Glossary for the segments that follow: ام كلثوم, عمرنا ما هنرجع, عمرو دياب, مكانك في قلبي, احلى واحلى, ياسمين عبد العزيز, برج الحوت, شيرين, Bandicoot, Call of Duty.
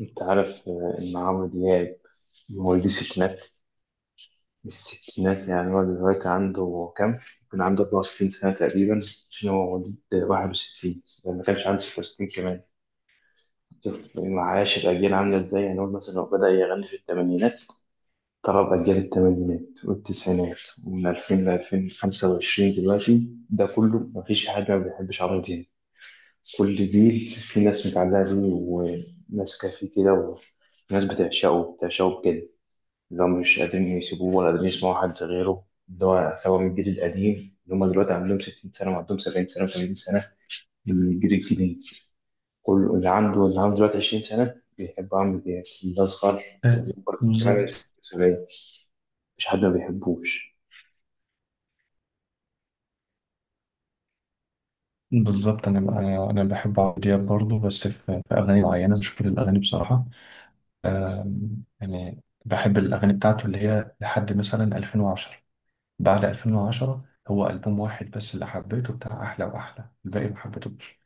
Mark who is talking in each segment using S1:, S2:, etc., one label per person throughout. S1: انت عارف ان عمرو دياب مواليد الستينات. مش الستينات، يعني هو دلوقتي عنده كام؟ كان عنده 64 سنة تقريبا، عشان هو مواليد 61، يعني ما كانش عنده 66 كمان. شوف معاش الأجيال عاملة ازاي. يعني هو مثلا لو بدأ يغني في الثمانينات، طلب أجيال الثمانينات والتسعينات، ومن 2000 ل 2025 دلوقتي، ده كله مفيش حد ما بيحبش عمرو دياب. كل جيل في ناس متعلقة بيه، وناس كافيه كده، وناس بتعشقه بتعشقه بجد. اللي هم مش قادرين يسيبوه ولا قادرين يسمعوا حد غيره، اللي هو سواء من الجيل القديم اللي هم دلوقتي عندهم 60 سنة وعندهم 70 سنة و80 سنة، من الجيل الجديد. كل اللي عنده دلوقتي 20 سنة بيحب عمرو دياب، الأصغر والأكبر كمان،
S2: بالظبط
S1: السورية، مش حد ما بيحبوش.
S2: بالظبط. انا انا أنا بحب عمرو دياب برضه، بس في اغاني معينه، مش كل الاغاني بصراحه. يعني بحب الاغاني بتاعته اللي هي لحد مثلا 2010. بعد 2010 هو البوم واحد بس اللي حبيته بتاع احلى واحلى، الباقي ما حبيتهوش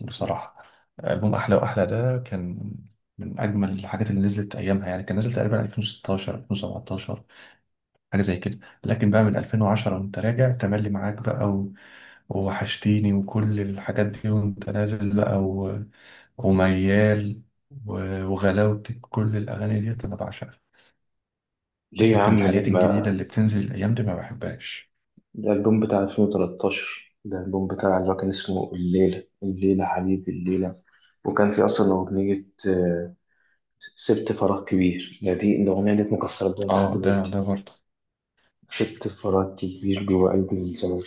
S2: بصراحه. البوم احلى واحلى ده كان من اجمل الحاجات اللي نزلت ايامها، يعني كان نزل تقريبا 2016 2017، حاجه زي كده. لكن بقى من 2010 وانت راجع تملي معاك بقى ووحشتيني وكل الحاجات دي وانت نازل بقى وميال و... وغلاوتك، كل الاغاني دي انا بعشقها.
S1: ليه يا
S2: لكن
S1: عم ليه
S2: الحاجات الجديده
S1: ما؟
S2: اللي بتنزل الايام دي ما بحبهاش.
S1: ده الألبوم بتاع 2013، ده الألبوم بتاع اللي هو كان اسمه الليلة الليلة حبيبي الليلة، وكان في أصلا أغنية سبت فراغ كبير، ده دي الأغنية دي مكسرة الدنيا لحد
S2: اه، ده
S1: دلوقتي.
S2: ده برضه.
S1: شفت انفراد كبير جوه قلب الزمالك.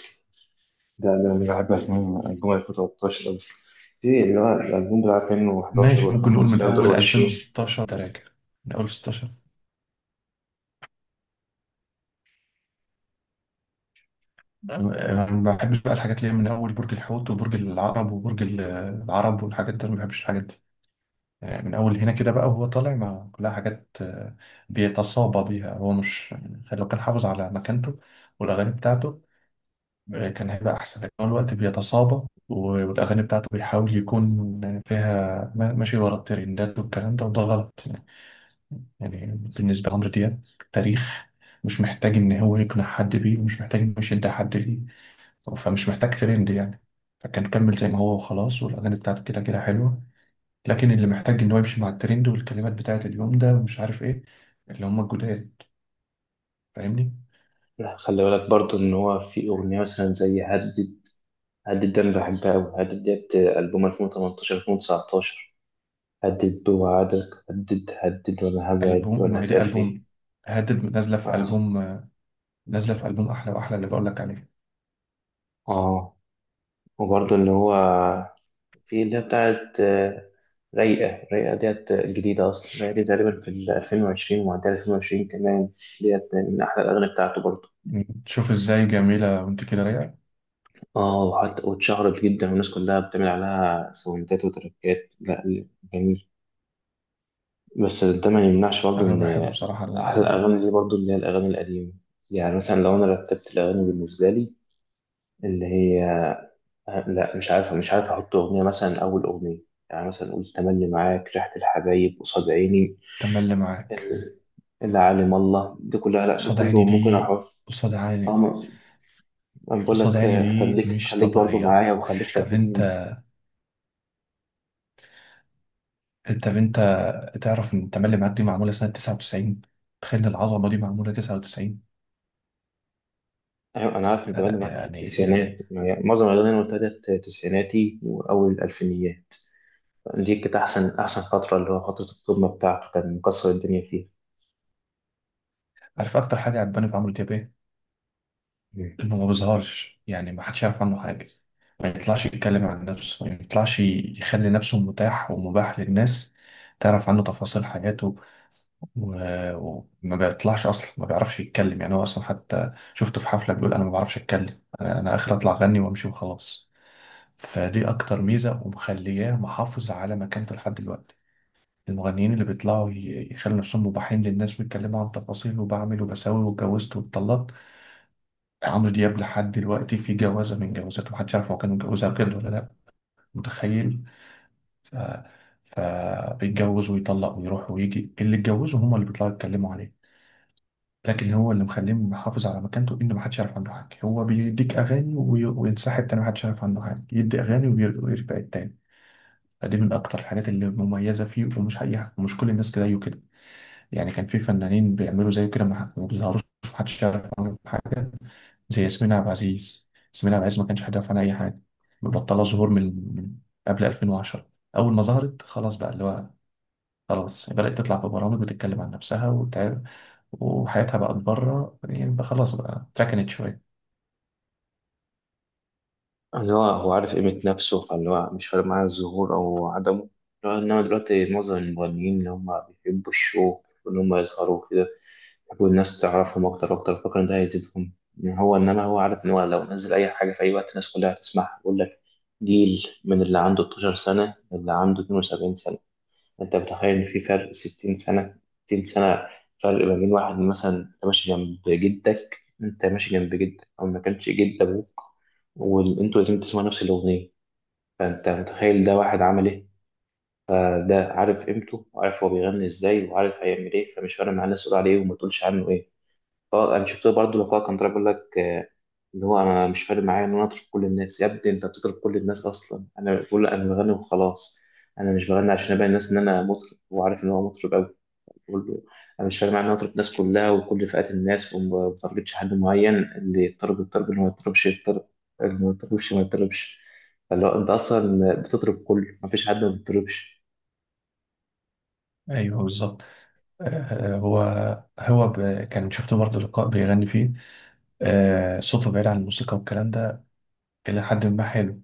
S1: ده انا بحب من البوم 2013 قوي. ايه اللي هو الالبوم بتاع
S2: ماشي،
S1: 2011
S2: ممكن نقول
S1: و2015
S2: من
S1: دول
S2: اول
S1: وحشين.
S2: 2016 تراجع، من اول 16. أنا ما بحبش بقى الحاجات اللي هي من اول برج الحوت وبرج العرب، والحاجات دي أنا ما بحبش الحاجات دي. من اول هنا كده بقى، وهو طالع مع كلها حاجات، بيتصابى بيها. هو مش يعني، لو كان حافظ على مكانته والاغاني بتاعته كان هيبقى احسن، لكن هو الوقت بيتصابى والاغاني بتاعته بيحاول يكون فيها ماشي ورا الترندات والكلام ده، وده غلط يعني. يعني، بالنسبه لعمرو دياب تاريخ، مش محتاج ان هو يقنع حد بيه، ومش محتاج انه يشد حد ليه، فمش محتاج ترند يعني. فكان كمل زي ما هو وخلاص، والاغاني بتاعته كده كده حلوه. لكن اللي محتاج ان هو يمشي مع الترند والكلمات بتاعت اليوم ده ومش عارف ايه، اللي هم الجداد، فاهمني؟
S1: لا خلي بالك برضو ان هو في اغنيه مثلا زي هدد. هدد ده انا بحبها قوي. هدد ديت البوم 2018 2019. هدد بوعدك، هدد هدد وانا هبعد،
S2: البوم؟ ما
S1: وانا
S2: هي دي
S1: هسأل فيك.
S2: البوم، هدد
S1: اه
S2: نازله في البوم احلى واحلى اللي بقول لك عليه.
S1: اه، وبرضو اللي هو في اللي هي بتاعت رايقة. رايقة ديت جديدة أصلا. رايقة دي تقريبا في ال 2020 ومعدية 2020 كمان. ديت من أحلى الأغاني بتاعته برضه.
S2: شوف ازاي جميله وانت كده رايقه.
S1: اه، وحتى واتشهرت جدا، والناس كلها بتعمل عليها ساوندات وتراكات. لا جميل. بس ده ما يمنعش برضه
S2: انا
S1: إن
S2: بحب بصراحه.
S1: أحلى الأغاني دي برضه اللي هي الأغاني القديمة. يعني مثلا لو أنا رتبت الأغاني بالنسبة لي، اللي هي لا مش عارف، أحط أغنية مثلا أول أغنية، يعني مثلا قول تملي معاك، ريحة الحبايب، قصاد عيني،
S2: التملي اللي معاك،
S1: اللي عالم الله، ده كله، لا ده
S2: قصاد
S1: كله
S2: عيني
S1: ممكن
S2: دي،
S1: اروح.
S2: قصاد
S1: اه
S2: عيني
S1: انا بقول
S2: قصاد
S1: لك
S2: عيني دي
S1: خليك
S2: مش
S1: خليك برضو
S2: طبيعيه.
S1: معايا وخليك
S2: طب انت
S1: فاكرني.
S2: طب انت تعرف ان التملي معاك دي معموله سنه 99؟ تخيل العظمه دي معموله 99.
S1: ايوه انا عارف، انت
S2: لا
S1: بقى
S2: لا
S1: معاك في
S2: يعني
S1: التسعينات يعني، معظم الاغاني اللي قلتها ديت تسعيناتي واول الالفينيات. دي كانت احسن احسن فتره، اللي هو فتره القمه بتاعته، كان مكسر الدنيا فيها.
S2: عارف اكتر حاجه عجباني في عمرو دياب ايه؟
S1: مم.
S2: انه ما بيظهرش، يعني ما حدش يعرف عنه حاجة. ما يطلعش يتكلم عن نفسه، ما يطلعش يخلي نفسه متاح ومباح للناس تعرف عنه تفاصيل حياته. وما بيطلعش اصلا، ما بيعرفش يتكلم، يعني هو اصلا حتى شفته في حفلة بيقول: انا ما بعرفش اتكلم، انا اخر اطلع اغني وامشي وخلاص. فدي اكتر ميزة ومخلياه محافظ على مكانته لحد دلوقتي. المغنيين اللي بيطلعوا يخلوا نفسهم مباحين للناس ويتكلموا عن تفاصيل وبعمل وبسوي واتجوزت واتطلقت. عمرو دياب لحد دلوقتي في جوازة من جوازاته محدش عارف هو كان متجوزها بجد ولا لأ، متخيل؟ ف... فبيتجوز ويطلق ويروح ويجي، اللي اتجوزه هما اللي بيطلعوا يتكلموا عليه. لكن هو اللي مخليه محافظ على مكانته إن محدش يعرف عنه حاجة. هو بيديك أغاني وينسحب تاني، محدش يعرف عنه حاجة، يدي أغاني ويرجع التاني. فدي من أكتر الحاجات اللي مميزة فيه، ومش حقيقة ومش كل الناس زيه كده. يعني كان في فنانين بيعملوا زيه كده ما بيظهروش، محدش يعرف عنهم حاجة. زي ياسمين عبد العزيز، ما كانش هدف عن اي حاجه. مبطله ظهور من من قبل 2010، اول ما ظهرت خلاص بقى اللي هو خلاص بدات تطلع في برامج وتتكلم عن نفسها وحياتها بقت بره، يعني بقى خلاص بقى اتركنت شويه.
S1: اللي هو هو عارف قيمه نفسه، فاللي هو مش فارق معاه الظهور او عدمه. اللي هو انما دلوقتي معظم المغنيين اللي هم بيحبوا الشو، واللي هم يظهروا كده، والناس تعرفهم أكتر وأكتر، فاكر إن ده هيزيدهم. يعني هو إنما هو عارف إن هو لو نزل أي حاجة في أي وقت الناس كلها هتسمعها. يقول لك، جيل من اللي عنده 12 سنة للي عنده 72 سنة. أنت متخيل إن في فرق 60 سنة؟ 60 سنة فرق ما بين واحد، مثلا أنت ماشي جنب جدك، أنت ماشي جنب جدك أو ما كانش جد أبوك، وأنتوا الاتنين بتسمعوا نفس الأغنية. فأنت متخيل ده واحد عمل إيه؟ ده عارف قيمته، وعارف هو بيغني إزاي، وعارف هيعمل إيه، فمش فارق معاه الناس تقول عليه وما تقولش عنه إيه. اه، انا شفت برضه مقال كان طالع بيقول لك ان هو انا مش فارق معايا ان انا اطرب كل الناس. يا ابني انت بتطرب كل الناس اصلا. انا بقول له، انا بغني وخلاص. انا مش بغني عشان ابين الناس ان انا مطرب. وعارف ان هو مطرب قوي. بقول له انا مش فارق معايا ان انا اطرب الناس كلها وكل فئات الناس، وما بتارجتش حد معين. اللي يضطرب يضطرب، اللي ما يضطربش يضطرب، اللي ما يضطربش ما يضطربش. فاللي هو انت اصلا بتطرب كله، ما فيش حد ما بيضطربش.
S2: ايوه بالظبط. آه، هو هو ب... كان شفت برضه لقاء بيغني فيه، صوته بعيد عن الموسيقى والكلام ده إلى حد ما حلو.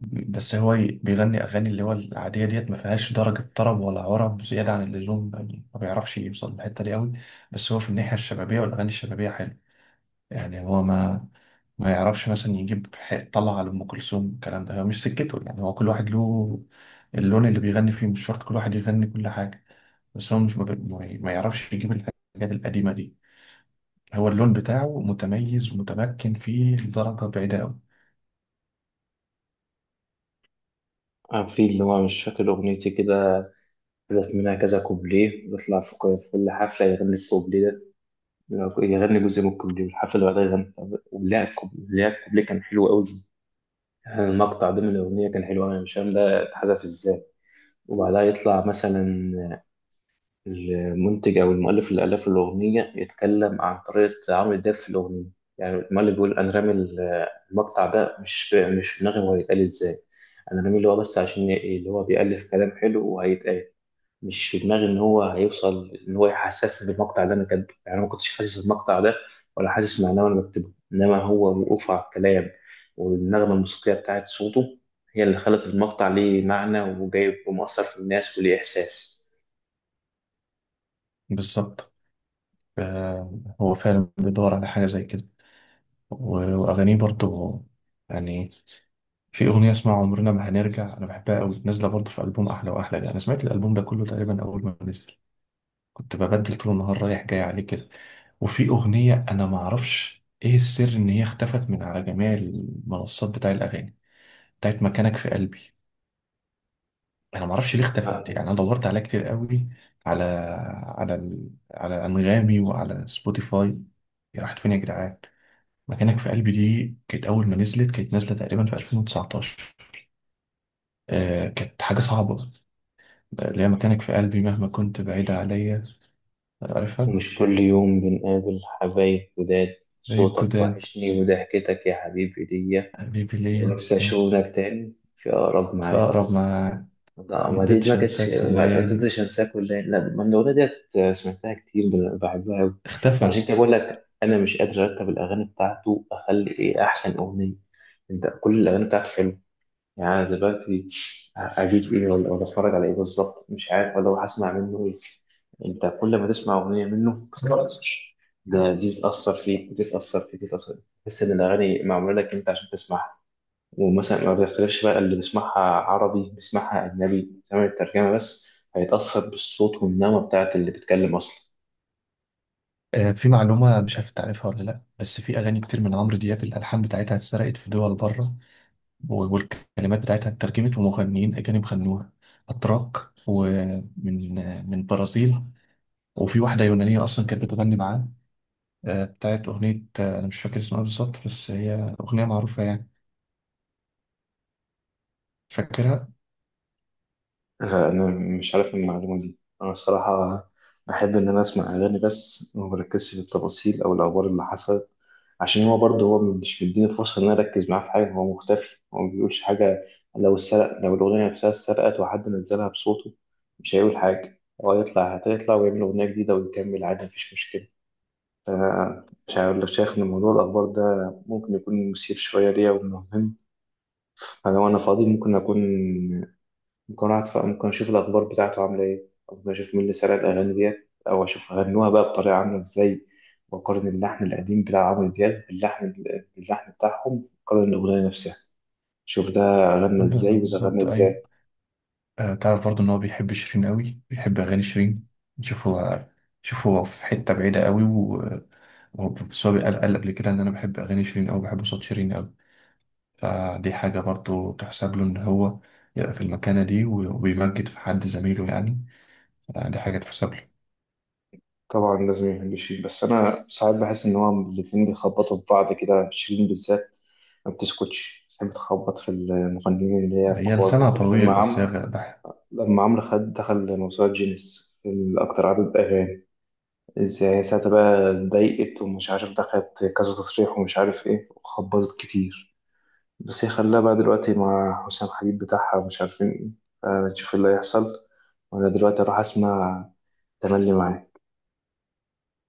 S2: بس هو بيغني اغاني اللي هو العاديه ديت ما فيهاش درجه طرب ولا عرب زياده عن اللزوم، يعني ما بيعرفش يوصل للحته دي قوي. بس هو في الناحيه الشبابيه والاغاني الشبابيه حلو. يعني هو ما يعرفش مثلا يجيب طلع على ام كلثوم، الكلام ده هو مش سكته، يعني هو كل واحد له اللون اللي بيغني فيه، مش شرط كل واحد يغني كل حاجه. بس هو مش ما بي- ما ي- ما يعرفش يجيب الحاجات القديمه دي. هو اللون بتاعه متميز ومتمكن فيه لدرجه بعيده قوي.
S1: في اللي هو مش فاكر اغنيتي كده، طلعت منها كذا كوبليه، بيطلع في في كل حفله يغني الكوبليه ده، يغني جزء من الكوبليه، والحفلة اللي بعدها يغني ولا الكوبليه. لا الكوبليه كان حلو قوي، المقطع ده من الأغنية كان حلو أوي، أنا مش فاهم ده اتحذف إزاي. وبعدها يطلع مثلا المنتج أو المؤلف اللي ألف الأغنية يتكلم عن طريقة عمرو دياب في الأغنية. يعني المؤلف بيقول أنا رامي، المقطع ده مش في دماغي هو هيتقال إزاي. أنا رامي اللي هو بس عشان اللي هو بيألف كلام حلو وهيتقال. مش في دماغي ان هو هيوصل ان هو يحسسني بالمقطع ده انا كاتبه. يعني انا ما كنتش حاسس المقطع ده ولا حاسس معناه وانا بكتبه. انما هو وقوفه على الكلام والنغمه الموسيقيه بتاعت صوته، هي اللي خلت المقطع ليه معنى وجايب ومؤثر في الناس وليه احساس.
S2: بالظبط. هو فعلا بيدور على حاجه زي كده، وأغانيه برضو يعني. في أغنية اسمها عمرنا ما هنرجع أنا بحبها أوي، نازلة برضو في ألبوم أحلى وأحلى ده. أنا سمعت الألبوم ده كله تقريبا أول ما نزل، كنت ببدل طول النهار رايح جاي عليه كده. وفي أغنية أنا معرفش إيه السر إن هي اختفت من على جميع المنصات بتاع الأغاني، بتاعت مكانك في قلبي. أنا معرفش ليه اختفت، يعني أنا دورت عليها كتير أوي، على على أنغامي وعلى سبوتيفاي. هي راحت فين يا جدعان؟ مكانك في قلبي دي كانت أول ما نزلت، كانت نازلة تقريبا في 2019. آه، كانت حاجة صعبة. اللي هي مكانك في قلبي مهما كنت بعيدة عليا، عارفها؟
S1: ومش كل يوم بنقابل حبايب جداد،
S2: زي
S1: صوتك
S2: الجداد،
S1: وحشني وضحكتك يا حبيبي ليا،
S2: حبيبي ليا.
S1: ونفسي اشوفك تاني في اقرب
S2: في
S1: ميعاد.
S2: أقرب ما،
S1: لا ما دي، دي ما
S2: مقدرتش
S1: كانتش،
S2: أنساك
S1: ما
S2: والليالي،
S1: تقدرش انساها كلها. لا ما من الاغنيه ديت، سمعتها كتير، بحبها قوي. عشان كده
S2: اختفت.
S1: بقول لك انا مش قادر ارتب الاغاني بتاعته، اخلي ايه احسن اغنيه. انت كل الاغاني بتاعته حلوه. يعني أنا دلوقتي اجيب ايه، ولا اتفرج على ايه بالظبط، مش عارف، ولا هسمع منه ايه. انت كل ما تسمع اغنيه منه، ده دي تاثر فيك، ودي تاثر فيك، ودي تاثر فيك، تحس ان الاغاني معموله لك انت عشان تسمعها. ومثلا ما بيختلفش بقى اللي بيسمعها عربي، بيسمعها أجنبي سامع الترجمة بس، هيتأثر بالصوت والنغمة بتاعت اللي بيتكلم أصلا.
S2: آه، في معلومة مش عارف تعرفها ولا لأ، بس في أغاني كتير من عمرو دياب الألحان بتاعتها اتسرقت في دول بره، والكلمات بتاعتها اترجمت ومغنيين أجانب غنوها، أتراك ومن من البرازيل. وفي واحدة يونانية أصلا كانت بتغني معاه، بتاعت أغنية، أنا مش فاكر اسمها بالظبط بس هي أغنية معروفة يعني، فاكرها؟
S1: أنا مش عارف إيه المعلومة دي أنا الصراحة. أحب إن أنا أسمع أغاني بس، وما بركزش في التفاصيل أو الأخبار اللي حصلت. عشان هو برضه هو مش مديني فرصة إن أنا أركز معاه في حاجة. هو مختفي، هو ما بيقولش حاجة. لو السرق، لو الأغنية نفسها اتسرقت وحد نزلها بصوته، مش هيقول حاجة. هو هيطلع هتطلع ويعمل أغنية جديدة ويكمل عادي، مفيش مشكلة. مش عارف لو شايف إن موضوع الأخبار ده ممكن يكون مثير شوية ليا ومهم. أنا وأنا فاضي ممكن أقعد، ممكن أشوف الأخبار بتاعته عاملة إيه، أو ممكن أشوف مين اللي سرق الأغاني ديت، أو أشوف غنوها بقى بطريقة عاملة إزاي، وأقارن اللحن القديم بتاع عمرو دياب باللحن، بتاعهم. أقارن الأغنية نفسها، أشوف ده غنى إزاي وده غنى
S2: بالظبط أيوة.
S1: إزاي.
S2: تعرف برضه إن هو بيحب شيرين قوي، بيحب أغاني شيرين. شوف هو شوف هو في حتة بعيدة قوي، وهو بس هو قال قبل كده إن أنا بحب أغاني شيرين أوي، بحب صوت شيرين أوي. فدي حاجة برضه تحسب له، إن هو يبقى في المكانة دي وبيمجد في حد زميله يعني. دي حاجة تحسب له.
S1: طبعا لازم يحب شيرين، بس انا ساعات بحس ان هو الاتنين بيخبطوا في بعض كده. شيرين بالذات ما بتسكتش، بتحب تخبط في المغنيين اللي هي
S2: هي
S1: الكبار
S2: لسانها
S1: بالذات. لما
S2: طويل، بس هي
S1: لما عمرو خد دخل موسوعة جينيس الأكتر عدد أغاني، إزاي ساعتها بقى اتضايقت، ومش عارف دخلت كذا تصريح ومش عارف إيه، وخبطت كتير. بس هي خلاها بقى دلوقتي مع حسام حبيب بتاعها ومش عارفين إيه، فنشوف اللي هيحصل. وأنا دلوقتي أروح أسمع تملي معاك.